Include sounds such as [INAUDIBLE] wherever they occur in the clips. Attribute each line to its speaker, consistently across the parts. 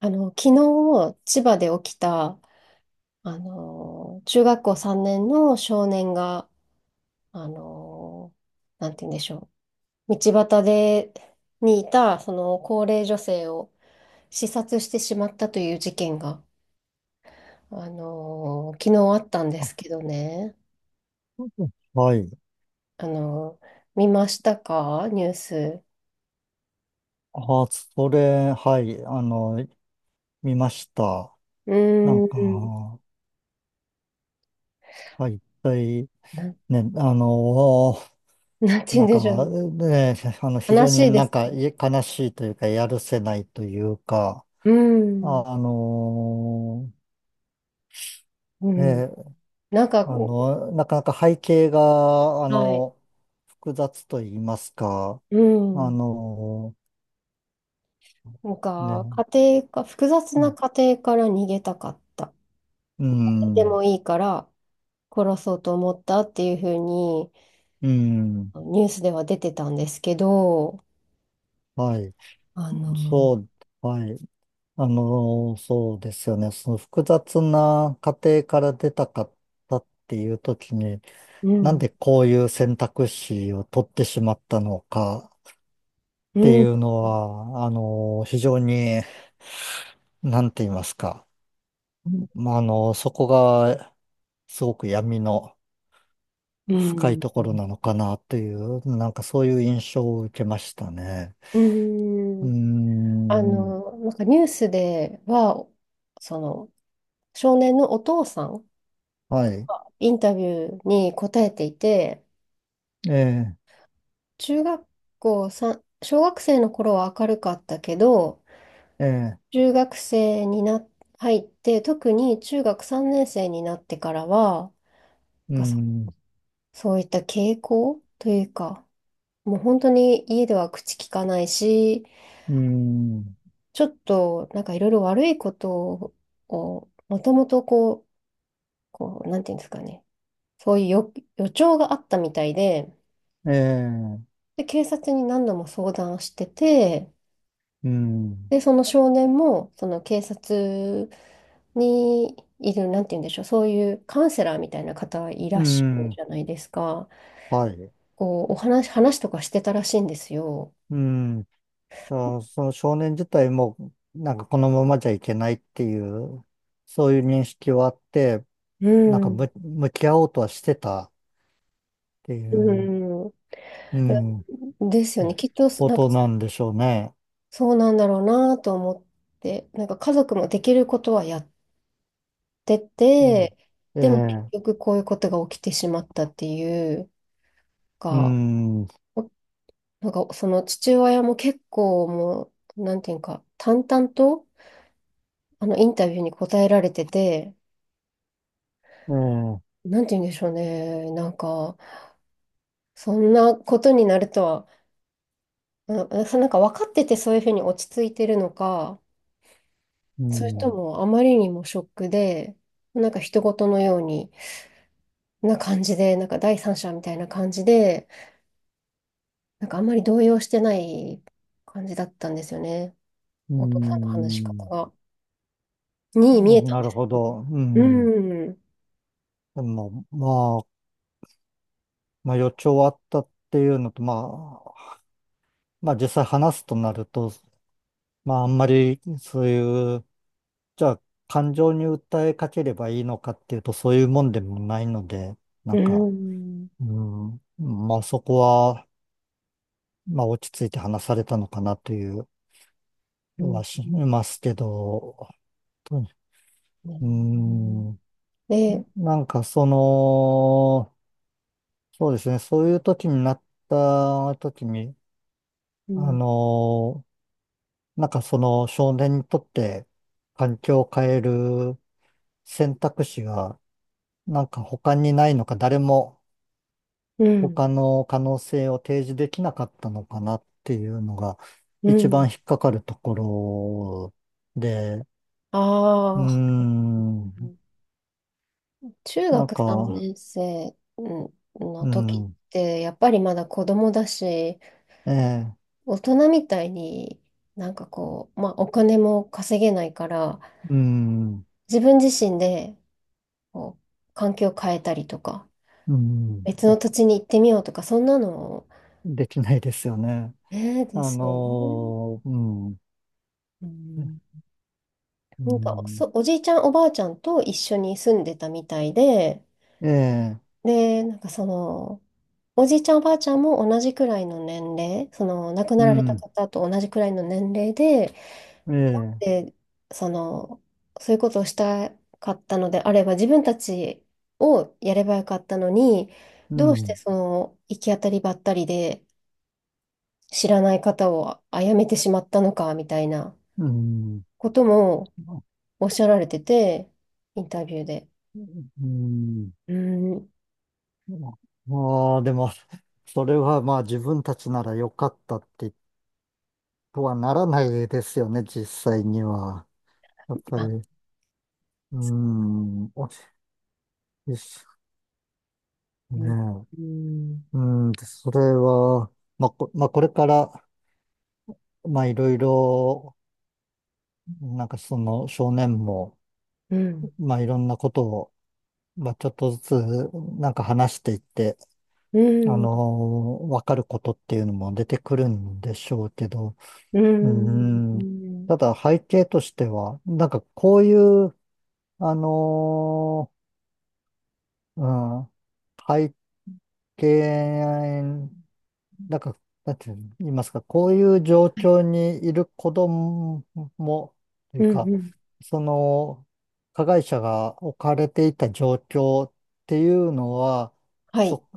Speaker 1: 昨日、千葉で起きた、中学校3年の少年が、あの、なんて言うんでしょう。道端で、にいた、その高齢女性を刺殺してしまったという事件が、昨日あったんですけどね。
Speaker 2: はい。
Speaker 1: あの、見ましたかニュース。
Speaker 2: あ、それ、はい。見ました。
Speaker 1: うーん、
Speaker 2: はい。一体、
Speaker 1: なん、
Speaker 2: ね、
Speaker 1: なんて言うんでしょうね。
Speaker 2: ね、非
Speaker 1: 悲
Speaker 2: 常に
Speaker 1: しいで
Speaker 2: なん
Speaker 1: す。
Speaker 2: かい悲しいというか、やるせないというか、
Speaker 1: うーん、
Speaker 2: あの、
Speaker 1: うん。
Speaker 2: ね、
Speaker 1: なんか、
Speaker 2: なかなか背景が、
Speaker 1: はい。
Speaker 2: 複雑と言いますか、
Speaker 1: う
Speaker 2: あ
Speaker 1: ん。
Speaker 2: の、
Speaker 1: なんか、
Speaker 2: ね、
Speaker 1: 家庭か、複雑な
Speaker 2: う
Speaker 1: 家庭から逃げたかった。
Speaker 2: ん、
Speaker 1: でもいいから殺そうと思ったっていうふうに、
Speaker 2: うん、
Speaker 1: ニュースでは出てたんですけど、
Speaker 2: はい。
Speaker 1: あの、
Speaker 2: そう、はい。そうですよね。その複雑な家庭から出たかったっていう時に、
Speaker 1: う
Speaker 2: なん
Speaker 1: ん、
Speaker 2: でこういう選択肢を取ってしまったのかって
Speaker 1: う
Speaker 2: い
Speaker 1: ん、
Speaker 2: うのは、非常に、なんて言いますか。まあ、そこがすごく闇の
Speaker 1: う
Speaker 2: 深い
Speaker 1: ん、
Speaker 2: ところなのかなという、そういう印象を受けましたね。
Speaker 1: う
Speaker 2: うー
Speaker 1: ん、
Speaker 2: ん。
Speaker 1: なんかニュースでは、その、少年のお父さん、
Speaker 2: はい。
Speaker 1: インタビューに答えていて、
Speaker 2: ええ、
Speaker 1: 中学校さん小学生の頃は明るかったけど、
Speaker 2: ええ、
Speaker 1: 中学生にな、入って、特に中学3年生になってからは、
Speaker 2: うー
Speaker 1: なんかそ
Speaker 2: ん、
Speaker 1: そういった傾向というか、もう本当に家では口聞かないし、
Speaker 2: うーん、
Speaker 1: ちょっとなんかいろいろ悪いことを、もともとこう、こう、なんていうんですかね、そういう予、予兆があったみたいで、
Speaker 2: ええ。
Speaker 1: で、警察に何度も相談してて、
Speaker 2: うん。
Speaker 1: で、その少年も、その警察にいる、なんて言うんでしょう、そういうカウンセラーみたいな方いら
Speaker 2: う
Speaker 1: っしゃる
Speaker 2: ん。
Speaker 1: じゃないですか。
Speaker 2: はい。
Speaker 1: こう、話とかしてたらしいんですよ。
Speaker 2: うん。じゃあ、その少年自体も、このままじゃいけないっていう、そういう認識はあって、
Speaker 1: う
Speaker 2: なんかむ
Speaker 1: ん。
Speaker 2: 向き合おうとはしてたってい
Speaker 1: う
Speaker 2: う、
Speaker 1: ん。
Speaker 2: うん、
Speaker 1: ですよね。きっと、
Speaker 2: こ
Speaker 1: なんか、
Speaker 2: となんでしょうね。
Speaker 1: そうなんだろうなと思って、なんか家族もできることはやって
Speaker 2: うん。
Speaker 1: て、
Speaker 2: え
Speaker 1: でも結
Speaker 2: え、
Speaker 1: 局こういうことが起きてしまったっていう
Speaker 2: う
Speaker 1: か、が
Speaker 2: ん、え
Speaker 1: なんか、その父親も結構もう、なんていうか、淡々と、インタビューに答えられてて、
Speaker 2: え、
Speaker 1: なんていうんでしょうね。なんか、そんなことになるとは、あのそなんか分かっててそういうふうに落ち着いてるのか、
Speaker 2: う
Speaker 1: それと
Speaker 2: ん、
Speaker 1: もあまりにもショックで、なんか人事のようにな感じで、なんか第三者みたいな感じで、なんかあんまり動揺してない感じだったんですよね。
Speaker 2: う
Speaker 1: お父さんの話し方
Speaker 2: ん。
Speaker 1: が。に見
Speaker 2: あ、
Speaker 1: えたん
Speaker 2: な
Speaker 1: で
Speaker 2: る
Speaker 1: す
Speaker 2: ほ
Speaker 1: けど。
Speaker 2: ど。う
Speaker 1: う
Speaker 2: ん。
Speaker 1: ん。
Speaker 2: でも、まあ、予兆はあったっていうのと、まあ、まあ実際話すとなると、まあ、あんまり、そういう、じゃあ、感情に訴えかければいいのかっていうと、そういうもんでもないので、な
Speaker 1: う
Speaker 2: んか、
Speaker 1: ん、
Speaker 2: うん、まあ、そこは、まあ、落ち着いて話されたのかなという
Speaker 1: うん、
Speaker 2: はしますけど、と、
Speaker 1: う
Speaker 2: う
Speaker 1: ん。
Speaker 2: ん、
Speaker 1: で、
Speaker 2: なんか、その、そうですね、そういう時になった時に、
Speaker 1: う
Speaker 2: あ
Speaker 1: ん、
Speaker 2: の、その少年にとって環境を変える選択肢が他にないのか、誰も
Speaker 1: うん、
Speaker 2: 他の可能性を提示できなかったのかなっていうのが
Speaker 1: う
Speaker 2: 一
Speaker 1: ん。
Speaker 2: 番引っかかるところで、うー
Speaker 1: ああ、
Speaker 2: ん。
Speaker 1: 中
Speaker 2: なん
Speaker 1: 学3
Speaker 2: か、
Speaker 1: 年生うん生の
Speaker 2: う
Speaker 1: 時っ
Speaker 2: ん、
Speaker 1: て、やっぱりまだ子供だし、
Speaker 2: ええ、
Speaker 1: 大人みたいにまあお金も稼げないから、
Speaker 2: うん、
Speaker 1: 自分自身でこう環境を変えたりとか、
Speaker 2: うん、
Speaker 1: 別の土地に行ってみようとか、そんなの、
Speaker 2: できないですよね。
Speaker 1: ね、ですよね。
Speaker 2: うん、
Speaker 1: うん
Speaker 2: う
Speaker 1: なんか、
Speaker 2: ん、
Speaker 1: おじいちゃん、おばあちゃんと一緒に住んでたみたいで、
Speaker 2: ええ、
Speaker 1: で、なんかその、おじいちゃん、おばあちゃんも同じくらいの年齢、その、亡く
Speaker 2: う
Speaker 1: なられた
Speaker 2: ん、
Speaker 1: 方と同じくらいの年齢で、
Speaker 2: ええ、
Speaker 1: で、その、そういうことをしたかったのであれば、自分たちをやればよかったのに、
Speaker 2: う
Speaker 1: どうして
Speaker 2: ん、
Speaker 1: その、行き当たりばったりで、知らない方を殺めてしまったのか、みたいな
Speaker 2: うん、
Speaker 1: こともおっしゃられてて、インタビューで。
Speaker 2: うん、
Speaker 1: うん
Speaker 2: ああ、でも、それはまあ自分たちなら良かったってとはならないですよね、実際には。やっぱり、
Speaker 1: あ、
Speaker 2: うーん、おしよしね
Speaker 1: うん、
Speaker 2: え。
Speaker 1: うん、
Speaker 2: うん、でそれは、まあ、まあ、これから、まあいろいろ、その少年も、
Speaker 1: うん、
Speaker 2: まあいろんなことを、まあちょっとずつ、話していって、
Speaker 1: う
Speaker 2: あの
Speaker 1: ん、
Speaker 2: わかることっていうのも出てくるんでしょうけど、
Speaker 1: う
Speaker 2: うーん。
Speaker 1: ん、
Speaker 2: ただ背景としては、なんかこういう、あのーうん、背景、なんか、なんて言いますか、こういう状況にいる子供も、とい
Speaker 1: う
Speaker 2: う
Speaker 1: ん、
Speaker 2: か、
Speaker 1: うん、
Speaker 2: その、加害者が置かれていた状況っていうのは、
Speaker 1: はい。
Speaker 2: そ、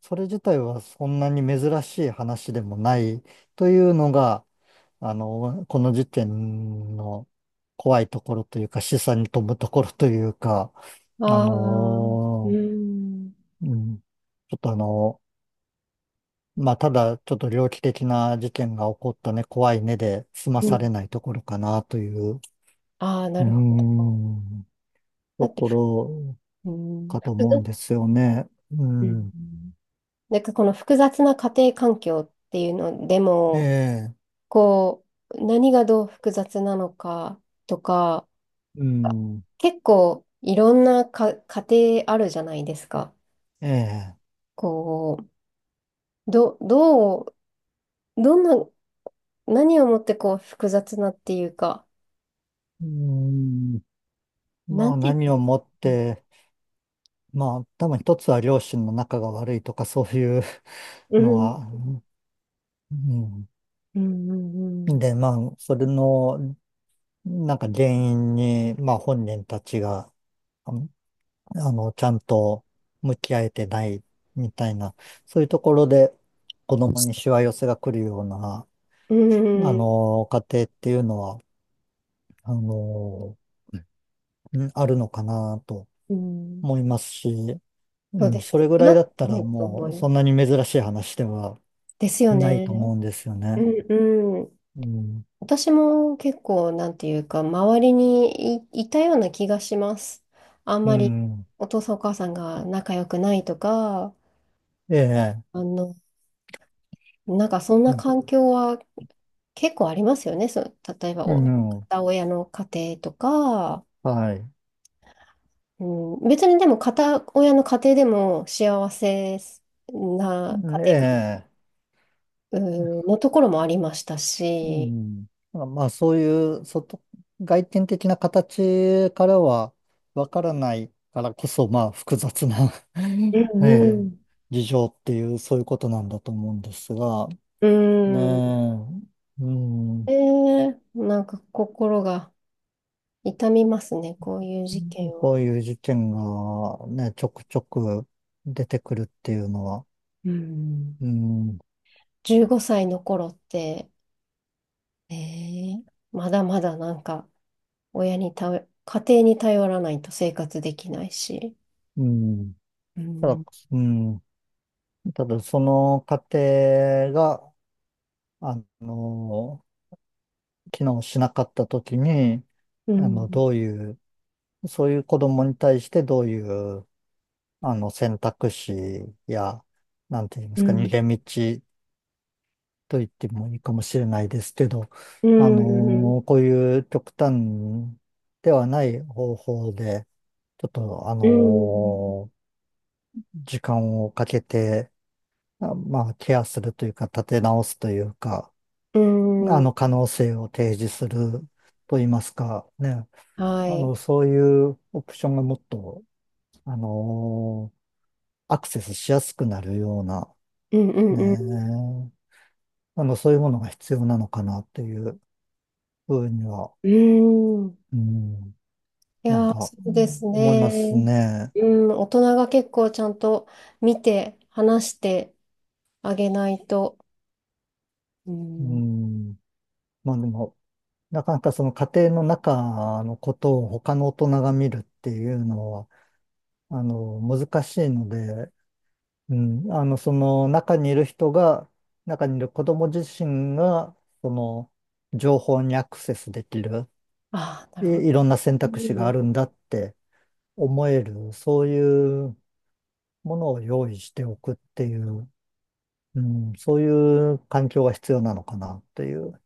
Speaker 2: それ自体はそんなに珍しい話でもないというのが、この事件の怖いところというか、示唆に富むところというか、あ
Speaker 1: ああ、う
Speaker 2: の、
Speaker 1: ん、
Speaker 2: うん、ちょっとまあ、ただちょっと猟奇的な事件が起こったね、怖いねで済ま
Speaker 1: う
Speaker 2: さ
Speaker 1: ん。
Speaker 2: れないところかなという、
Speaker 1: ああ、
Speaker 2: う
Speaker 1: な
Speaker 2: ー
Speaker 1: るほど。
Speaker 2: ん、
Speaker 1: だ
Speaker 2: と
Speaker 1: って、
Speaker 2: ころ
Speaker 1: うん、
Speaker 2: かと
Speaker 1: 複
Speaker 2: 思うん
Speaker 1: 雑、
Speaker 2: ですよね。う
Speaker 1: うん。
Speaker 2: ん、
Speaker 1: なんかこの複雑な家庭環境っていうので
Speaker 2: え
Speaker 1: も、
Speaker 2: え、
Speaker 1: こう、何がどう複雑なのかとか、
Speaker 2: うん、
Speaker 1: 結構いろんなか家庭あるじゃないですか。
Speaker 2: ええ、
Speaker 1: こう、ど、どう、どんな何をもってこう複雑なっていうか、
Speaker 2: うん、
Speaker 1: な
Speaker 2: まあ
Speaker 1: んて言
Speaker 2: 何
Speaker 1: うん
Speaker 2: を
Speaker 1: ですか
Speaker 2: もっ
Speaker 1: ね。
Speaker 2: て、まあ、多分一つは両親の仲が悪いとかそういう
Speaker 1: う
Speaker 2: [LAUGHS] の
Speaker 1: ん。
Speaker 2: は、うん。
Speaker 1: うんうん
Speaker 2: で、まあ、それの、原因に、まあ本人たちが、あの、ちゃんと向き合えてないみたいな、そういうところで子供にしわ寄せが来るような、
Speaker 1: うん。うん。
Speaker 2: 家庭っていうのは、あの、うん、あるのかなと
Speaker 1: うん。
Speaker 2: 思いますし、う
Speaker 1: そう
Speaker 2: ん、
Speaker 1: です。
Speaker 2: それぐ
Speaker 1: 少
Speaker 2: らい
Speaker 1: な
Speaker 2: だ
Speaker 1: く
Speaker 2: った
Speaker 1: な
Speaker 2: ら
Speaker 1: いと思
Speaker 2: も
Speaker 1: い
Speaker 2: うそ
Speaker 1: ま
Speaker 2: んな
Speaker 1: す。
Speaker 2: に珍しい話では
Speaker 1: ですよ
Speaker 2: ない
Speaker 1: ね。
Speaker 2: と思うんですよ
Speaker 1: う
Speaker 2: ね。
Speaker 1: んうん。
Speaker 2: うん。
Speaker 1: 私も結構、なんていうか、周りにい、いたような気がします。あん
Speaker 2: う
Speaker 1: まり
Speaker 2: ん。
Speaker 1: お父さんお母さんが仲良くないとか、
Speaker 2: ええ。
Speaker 1: あの、なんかそん
Speaker 2: う
Speaker 1: な
Speaker 2: ん。
Speaker 1: 環境は結構ありますよね。そう、例えば
Speaker 2: う
Speaker 1: お、
Speaker 2: ん、
Speaker 1: 片親の家庭とか、
Speaker 2: はい。
Speaker 1: うん、別にでも片親の家庭でも幸せ
Speaker 2: う
Speaker 1: な家
Speaker 2: ん、
Speaker 1: 庭か、
Speaker 2: ええ。
Speaker 1: うん、のところもありました
Speaker 2: う
Speaker 1: し、
Speaker 2: ん、うん、はい、ええ、うん、まあ、そういう外、外見的な形からはわからないからこそ、まあ、複雑な [LAUGHS]
Speaker 1: うん
Speaker 2: え
Speaker 1: う
Speaker 2: え、
Speaker 1: ん。
Speaker 2: 事情っていう、そういうことなんだと思うんですが、
Speaker 1: うん、
Speaker 2: ねえ。う
Speaker 1: え
Speaker 2: ん。
Speaker 1: なんか心が痛みますね、こういう事件
Speaker 2: こ
Speaker 1: は。
Speaker 2: ういう事件がね、ちょくちょく出てくるっていうのは、
Speaker 1: うん
Speaker 2: うん。
Speaker 1: 15歳の頃って、えまだまだなんか親に頼家庭に頼らないと生活できないし、
Speaker 2: うん。
Speaker 1: う
Speaker 2: ただ、
Speaker 1: ん
Speaker 2: うん、ただその過程が、あの、機能しなかったときに、
Speaker 1: うん
Speaker 2: どういう、そういう子供に対してどういう、選択肢や、なんて言いま
Speaker 1: う
Speaker 2: すか、逃
Speaker 1: ん
Speaker 2: げ道と言ってもいいかもしれないですけど、
Speaker 1: うん、
Speaker 2: こういう極端ではない方法で、ちょっと、
Speaker 1: うん
Speaker 2: 時間をかけて、まあ、ケアするというか、立て直すというか、
Speaker 1: うん
Speaker 2: 可能性を提示すると言いますか、ね、
Speaker 1: はい。
Speaker 2: そういうオプションがもっと、あのアクセスしやすくなるような、
Speaker 1: うんうんうん。
Speaker 2: ね、そういうものが必要なのかなっていうふうには、
Speaker 1: うん。
Speaker 2: うん、
Speaker 1: いやー、そ
Speaker 2: う
Speaker 1: うで
Speaker 2: ん、
Speaker 1: す
Speaker 2: 思います
Speaker 1: ね。
Speaker 2: ね。
Speaker 1: うん、大人が結構ちゃんと見て、話してあげないと。う
Speaker 2: う
Speaker 1: ん。
Speaker 2: ん。まあでも、なかなかその家庭の中のことを他の大人が見るっていうのは、難しいので、うん、その中にいる人が、中にいる子供自身が、その情報にアクセスできる、
Speaker 1: ああ、なるほ
Speaker 2: いろんな選択肢があ
Speaker 1: ど。
Speaker 2: るんだって思える、そういうものを用意しておくっていう、うん、そういう環境が必要なのかなっていう。